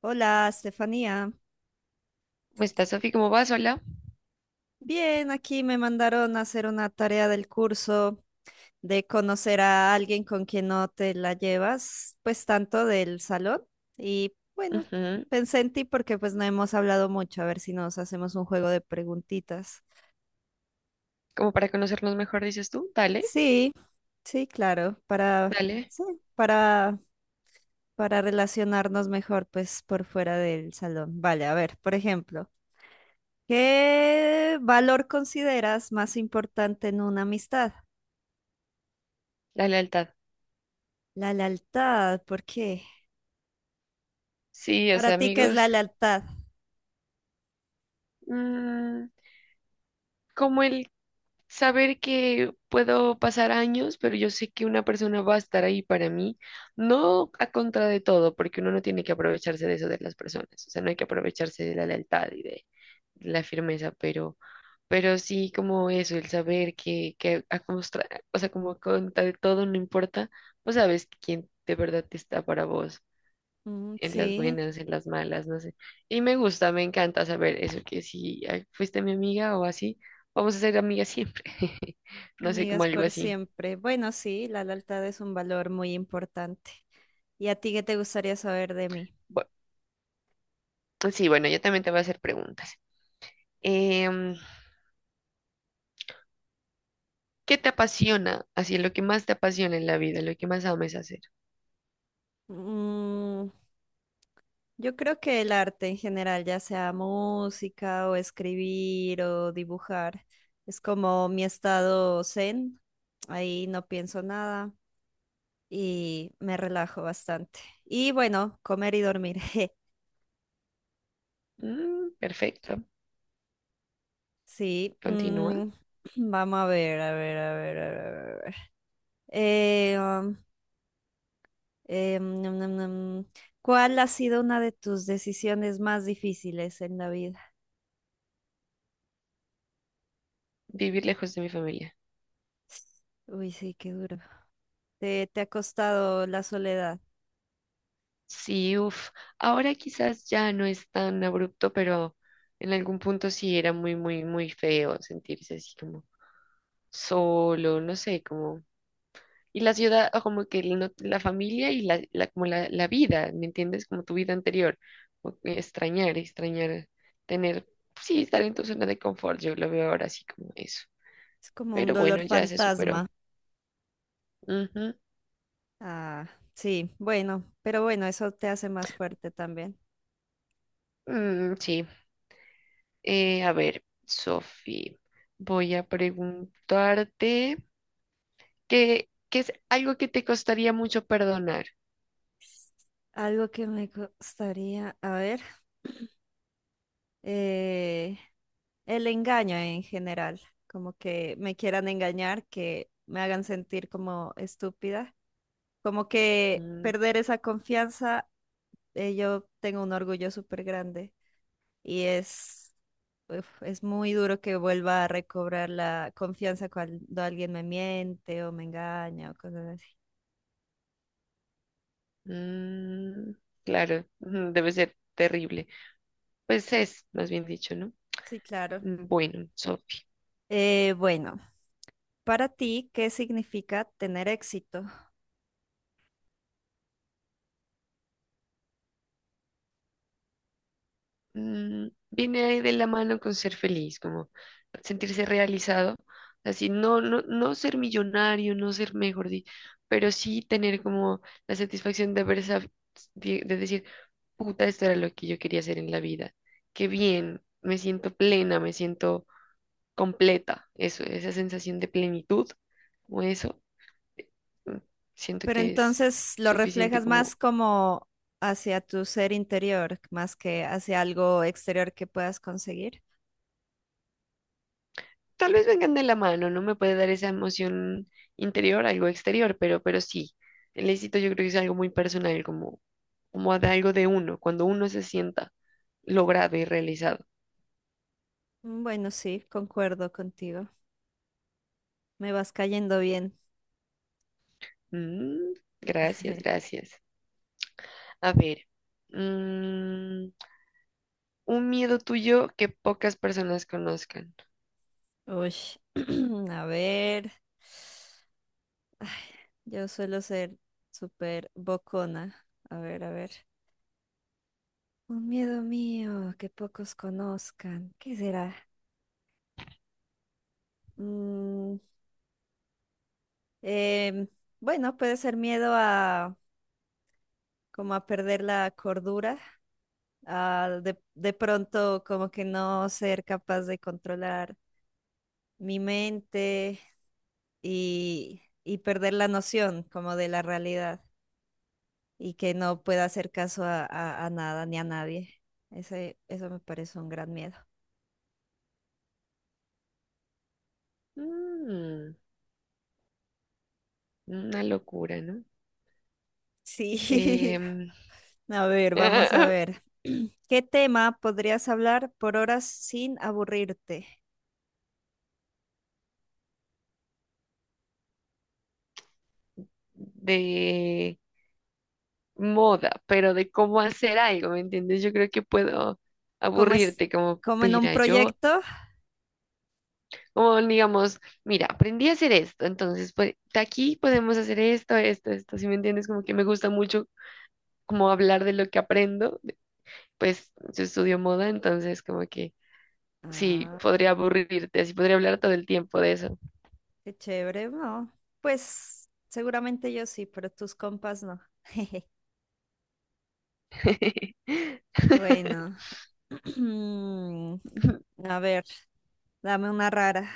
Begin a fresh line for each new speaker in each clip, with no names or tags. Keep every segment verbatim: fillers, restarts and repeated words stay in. Hola, Estefanía.
¿Cómo estás, Sofi? ¿Cómo vas? Hola.
Bien, aquí me mandaron a hacer una tarea del curso de conocer a alguien con quien no te la llevas, pues tanto del salón. Y bueno,
Ujú.
pensé en ti porque pues no hemos hablado mucho, a ver si nos hacemos un juego de preguntitas.
Como para conocernos mejor, dices tú. Dale,
Sí, sí, claro, para,
dale,
sí, para, para relacionarnos mejor pues por fuera del salón. Vale, a ver, por ejemplo, ¿qué valor consideras más importante en una amistad?
la lealtad.
La lealtad, ¿por qué?
Sí, o
Para
sea,
ti, ¿qué es
amigos,
la lealtad?
mm, como el saber que puedo pasar años, pero yo sé que una persona va a estar ahí para mí, no a contra de todo, porque uno no tiene que aprovecharse de eso de las personas, o sea, no hay que aprovecharse de la lealtad y de, la firmeza, pero, pero sí como eso, el saber que, que a contra- o sea, como contra de todo no importa, pues sabes quién de verdad está para vos,
Mm,
en las
sí,
buenas, en las malas, no sé. Y me gusta, me encanta saber eso, que si ay, fuiste mi amiga o así, vamos a ser amigas siempre. No sé, como
amigas
algo
por
así.
siempre. Bueno, sí, la lealtad es un valor muy importante. ¿Y a ti qué te gustaría saber de mí?
Bu- sí, bueno, yo también te voy a hacer preguntas. Em, ¿Qué te apasiona? Así, lo que más te apasiona en la vida, lo que más ames hacer.
Mm, yo creo que el arte en general, ya sea música o escribir o dibujar, es como mi estado zen. Ahí no pienso nada y me relajo bastante. Y bueno, comer y dormir.
Mm, perfecto.
Sí,
Continúa.
mm, vamos a ver, a ver, a ver, a ver. a ver. Eh, um, eh, mm, mm, mm, mm. ¿Cuál ha sido una de tus decisiones más difíciles en la vida?
Vivir lejos de mi familia.
Uy, sí, qué duro. Te, te ha costado la soledad.
Sí, uff, ahora quizás ya no es tan abrupto, pero en algún punto sí era muy, muy, muy feo sentirse así como solo, no sé, como... Y la ciudad, o como que no- la familia y la, la- como la, la vida, ¿me entiendes? Como tu vida anterior. O que extrañar, extrañar, tener, sí, estar en tu zona de confort, yo lo veo ahora así como eso.
Es como un
Pero bueno,
dolor
ya se superó.
fantasma.
Ujú.
Ah, sí, bueno, pero bueno, eso te hace más fuerte también.
Mm, sí. Eh, a ver, Sofi, voy a preguntarte qué, qué es algo que te costaría mucho perdonar.
Algo que me gustaría, a ver. eh, el engaño en general, como que me quieran engañar, que me hagan sentir como estúpida, como que
Mm,
perder esa confianza, eh, yo tengo un orgullo súper grande y es, uf, es muy duro que vuelva a recobrar la confianza cuando alguien me miente o me engaña o cosas así.
mm, claro, ujú, debe ser terrible. Pues es, más bien dicho, ¿no?
Sí, claro.
Mm, bueno,
Eh, bueno, para ti, ¿qué significa tener éxito?
mm, viene ahí de la mano con ser feliz, como sentirse realizado, así no, no, no ser millonario, no ser mejor, di- pero sí tener como la satisfacción de haber sab- de de decir, puta, esto era lo que yo quería hacer en la vida, qué bien, me siento plena, me siento completa, eso, esa sensación de plenitud, o eso, mm, siento
Pero
que es
entonces lo
suficiente
reflejas más
como
como hacia tu ser interior, más que hacia algo exterior que puedas conseguir.
tal vez vengan de la mano, no me puede dar esa emoción interior, algo exterior, pero, pero sí, el éxito yo creo que es algo muy personal, como, como de algo de uno, cuando uno se sienta logrado y realizado.
Mm, bueno, sí, concuerdo contigo. Me vas cayendo bien.
Mm, Gracias, gracias. A ver, mm, un miedo tuyo que pocas personas conozcan.
Uy, a ver, yo suelo ser súper bocona. A ver, a ver. Un miedo mío que pocos conozcan. ¿Qué será? Mm, em, bueno, puede ser miedo a como a perder la cordura. A de, de pronto como que no ser capaz de controlar mi mente y, y perder la noción como de la realidad y que no pueda hacer caso a, a- a nada ni a nadie. Ese, eso me parece un gran miedo.
Mm, una locura, ¿no?
Sí,
Em,
a ver, vamos a ver. ¿Qué tema podrías hablar por horas sin aburrirte?
de moda, pero de cómo hacer algo, ¿me entiendes? Yo creo que puedo
¿Cómo es?
aburrirte como,
¿Como
pues,
en un
mira, yo,
proyecto?
como digamos, mira, aprendí a hacer esto, entonces, pues, de aquí podemos hacer esto, esto, esto, ¿sí me entiendes? Como que me gusta mucho como hablar de lo que aprendo, pues yo estudio moda, entonces como que sí, podría aburrirte, así podría hablar todo el tiempo de eso.
Qué chévere, ¿no? Pues seguramente yo sí, pero tus compas no. Bueno, a ver, dame una rara.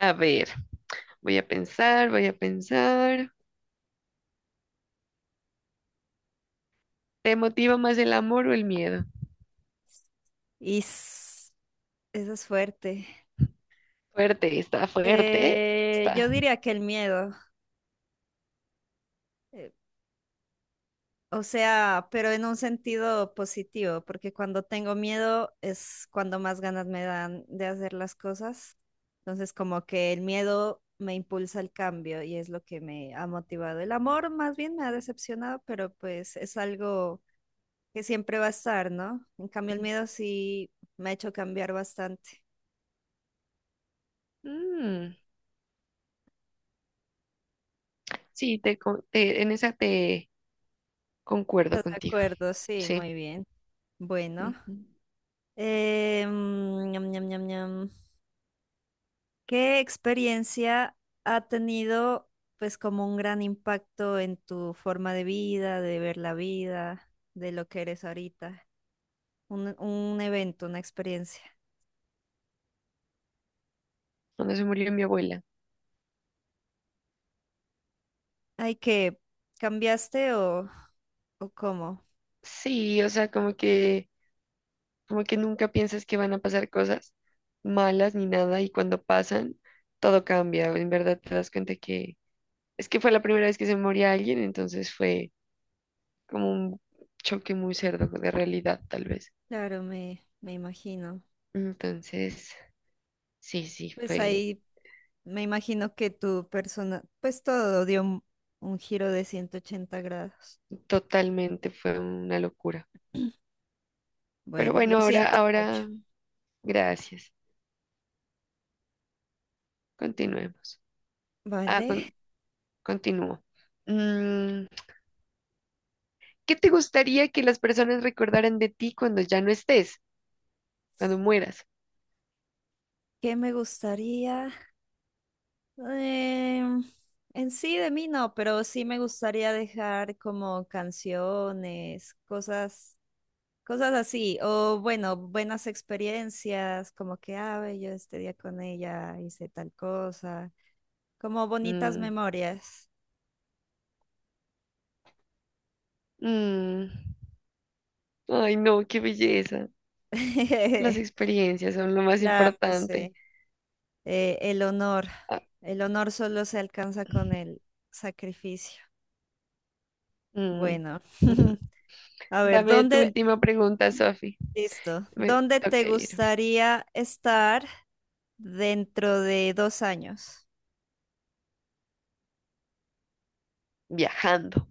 A ver, voy a pensar, voy a pensar. ¿Te motiva más el amor o el miedo?
Is, esa es fuerte.
Fuerte, está fuerte,
Eh,
está.
yo diría que el miedo. Eh, O sea, pero en un sentido positivo, porque cuando tengo miedo es cuando más ganas me dan de hacer las cosas. Entonces, como que el miedo me impulsa al cambio y es lo que me ha motivado. El amor más bien me ha decepcionado, pero pues es algo que siempre va a estar, ¿no? En cambio, el miedo sí me ha hecho cambiar bastante.
Mm, sí, te, co- te- en esa te concuerdo
¿Estás de
contigo.
acuerdo? Sí,
Sí.
muy bien. Bueno.
Ujú.
Eh, mm, ñam, ñam, ñam, ñam. ¿Qué experiencia ha tenido, pues, como un gran impacto en tu forma de vida, de ver la vida, de lo que eres ahorita? Un, un evento, una experiencia.
Cuando se murió mi abuela.
Ay, ¿que cambiaste o, o cómo?
Sí, o sea, como que, como que nunca piensas que van a pasar cosas malas ni nada, y cuando pasan, todo cambia. En verdad te das cuenta que es que fue la primera vez que se moría alguien, entonces fue como un choque muy cerdo de realidad, tal vez.
Claro, me, me imagino.
Entonces, sí, sí,
Pues
fue
ahí me imagino que tu persona, pues todo dio un, un giro de ciento ochenta grados.
totalmente, fue una locura. Pero
Bueno, lo
bueno, ahora,
siento mucho.
ahora, gracias. Continuemos. Ah,
Vale,
con- continúo. Mm, ¿Qué te gustaría que las personas recordaran de ti cuando ya no estés, cuando mueras?
¿qué me gustaría? Eh, en sí de mí no, pero sí me gustaría dejar como canciones, cosas, cosas así, o bueno, buenas experiencias, como que, ah, ve, yo este día con ella hice tal cosa, como bonitas
Mm,
memorias.
mm. Ay, no, qué belleza. Las experiencias son lo más
Claro,
importante.
sí. Eh, el honor,
Ah,
el honor solo se alcanza con el sacrificio.
mm.
Bueno, a ver,
Dame tu
¿dónde,
última pregunta, Sofi.
listo,
Me
¿dónde te
toca irme.
gustaría estar? Dentro de dos años,
Viajando.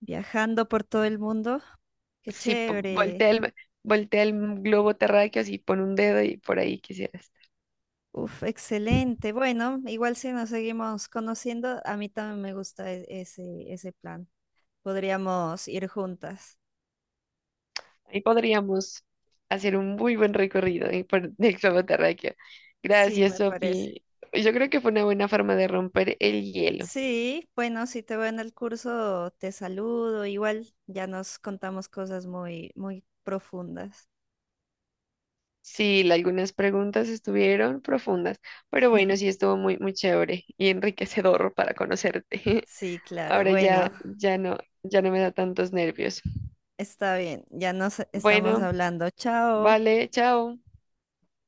viajando por todo el mundo. Qué
Sí, po-
chévere.
voltea el, voltea el globo terráqueo, así pon un dedo y por ahí quisieras.
Uf, excelente. Bueno, igual si nos seguimos conociendo, a mí también me gusta e- ese, ese plan. Podríamos ir juntas.
Ahí podríamos hacer un muy buen recorrido eh, por el globo terráqueo.
Sí,
Gracias,
me parece.
Sofi. Yo creo que fue una buena forma de romper el hielo.
Sí, bueno, si te veo en el curso, te saludo. Igual ya nos contamos cosas muy, muy profundas.
Sí, la- algunas preguntas estuvieron profundas, pero bueno, sí estuvo muy, muy chévere y enriquecedor para conocerte.
Sí, claro.
Ahora
Bueno,
ya, ya no, ya no me da tantos nervios.
está bien. Ya nos estamos
Bueno,
hablando. Chao.
vale, chao.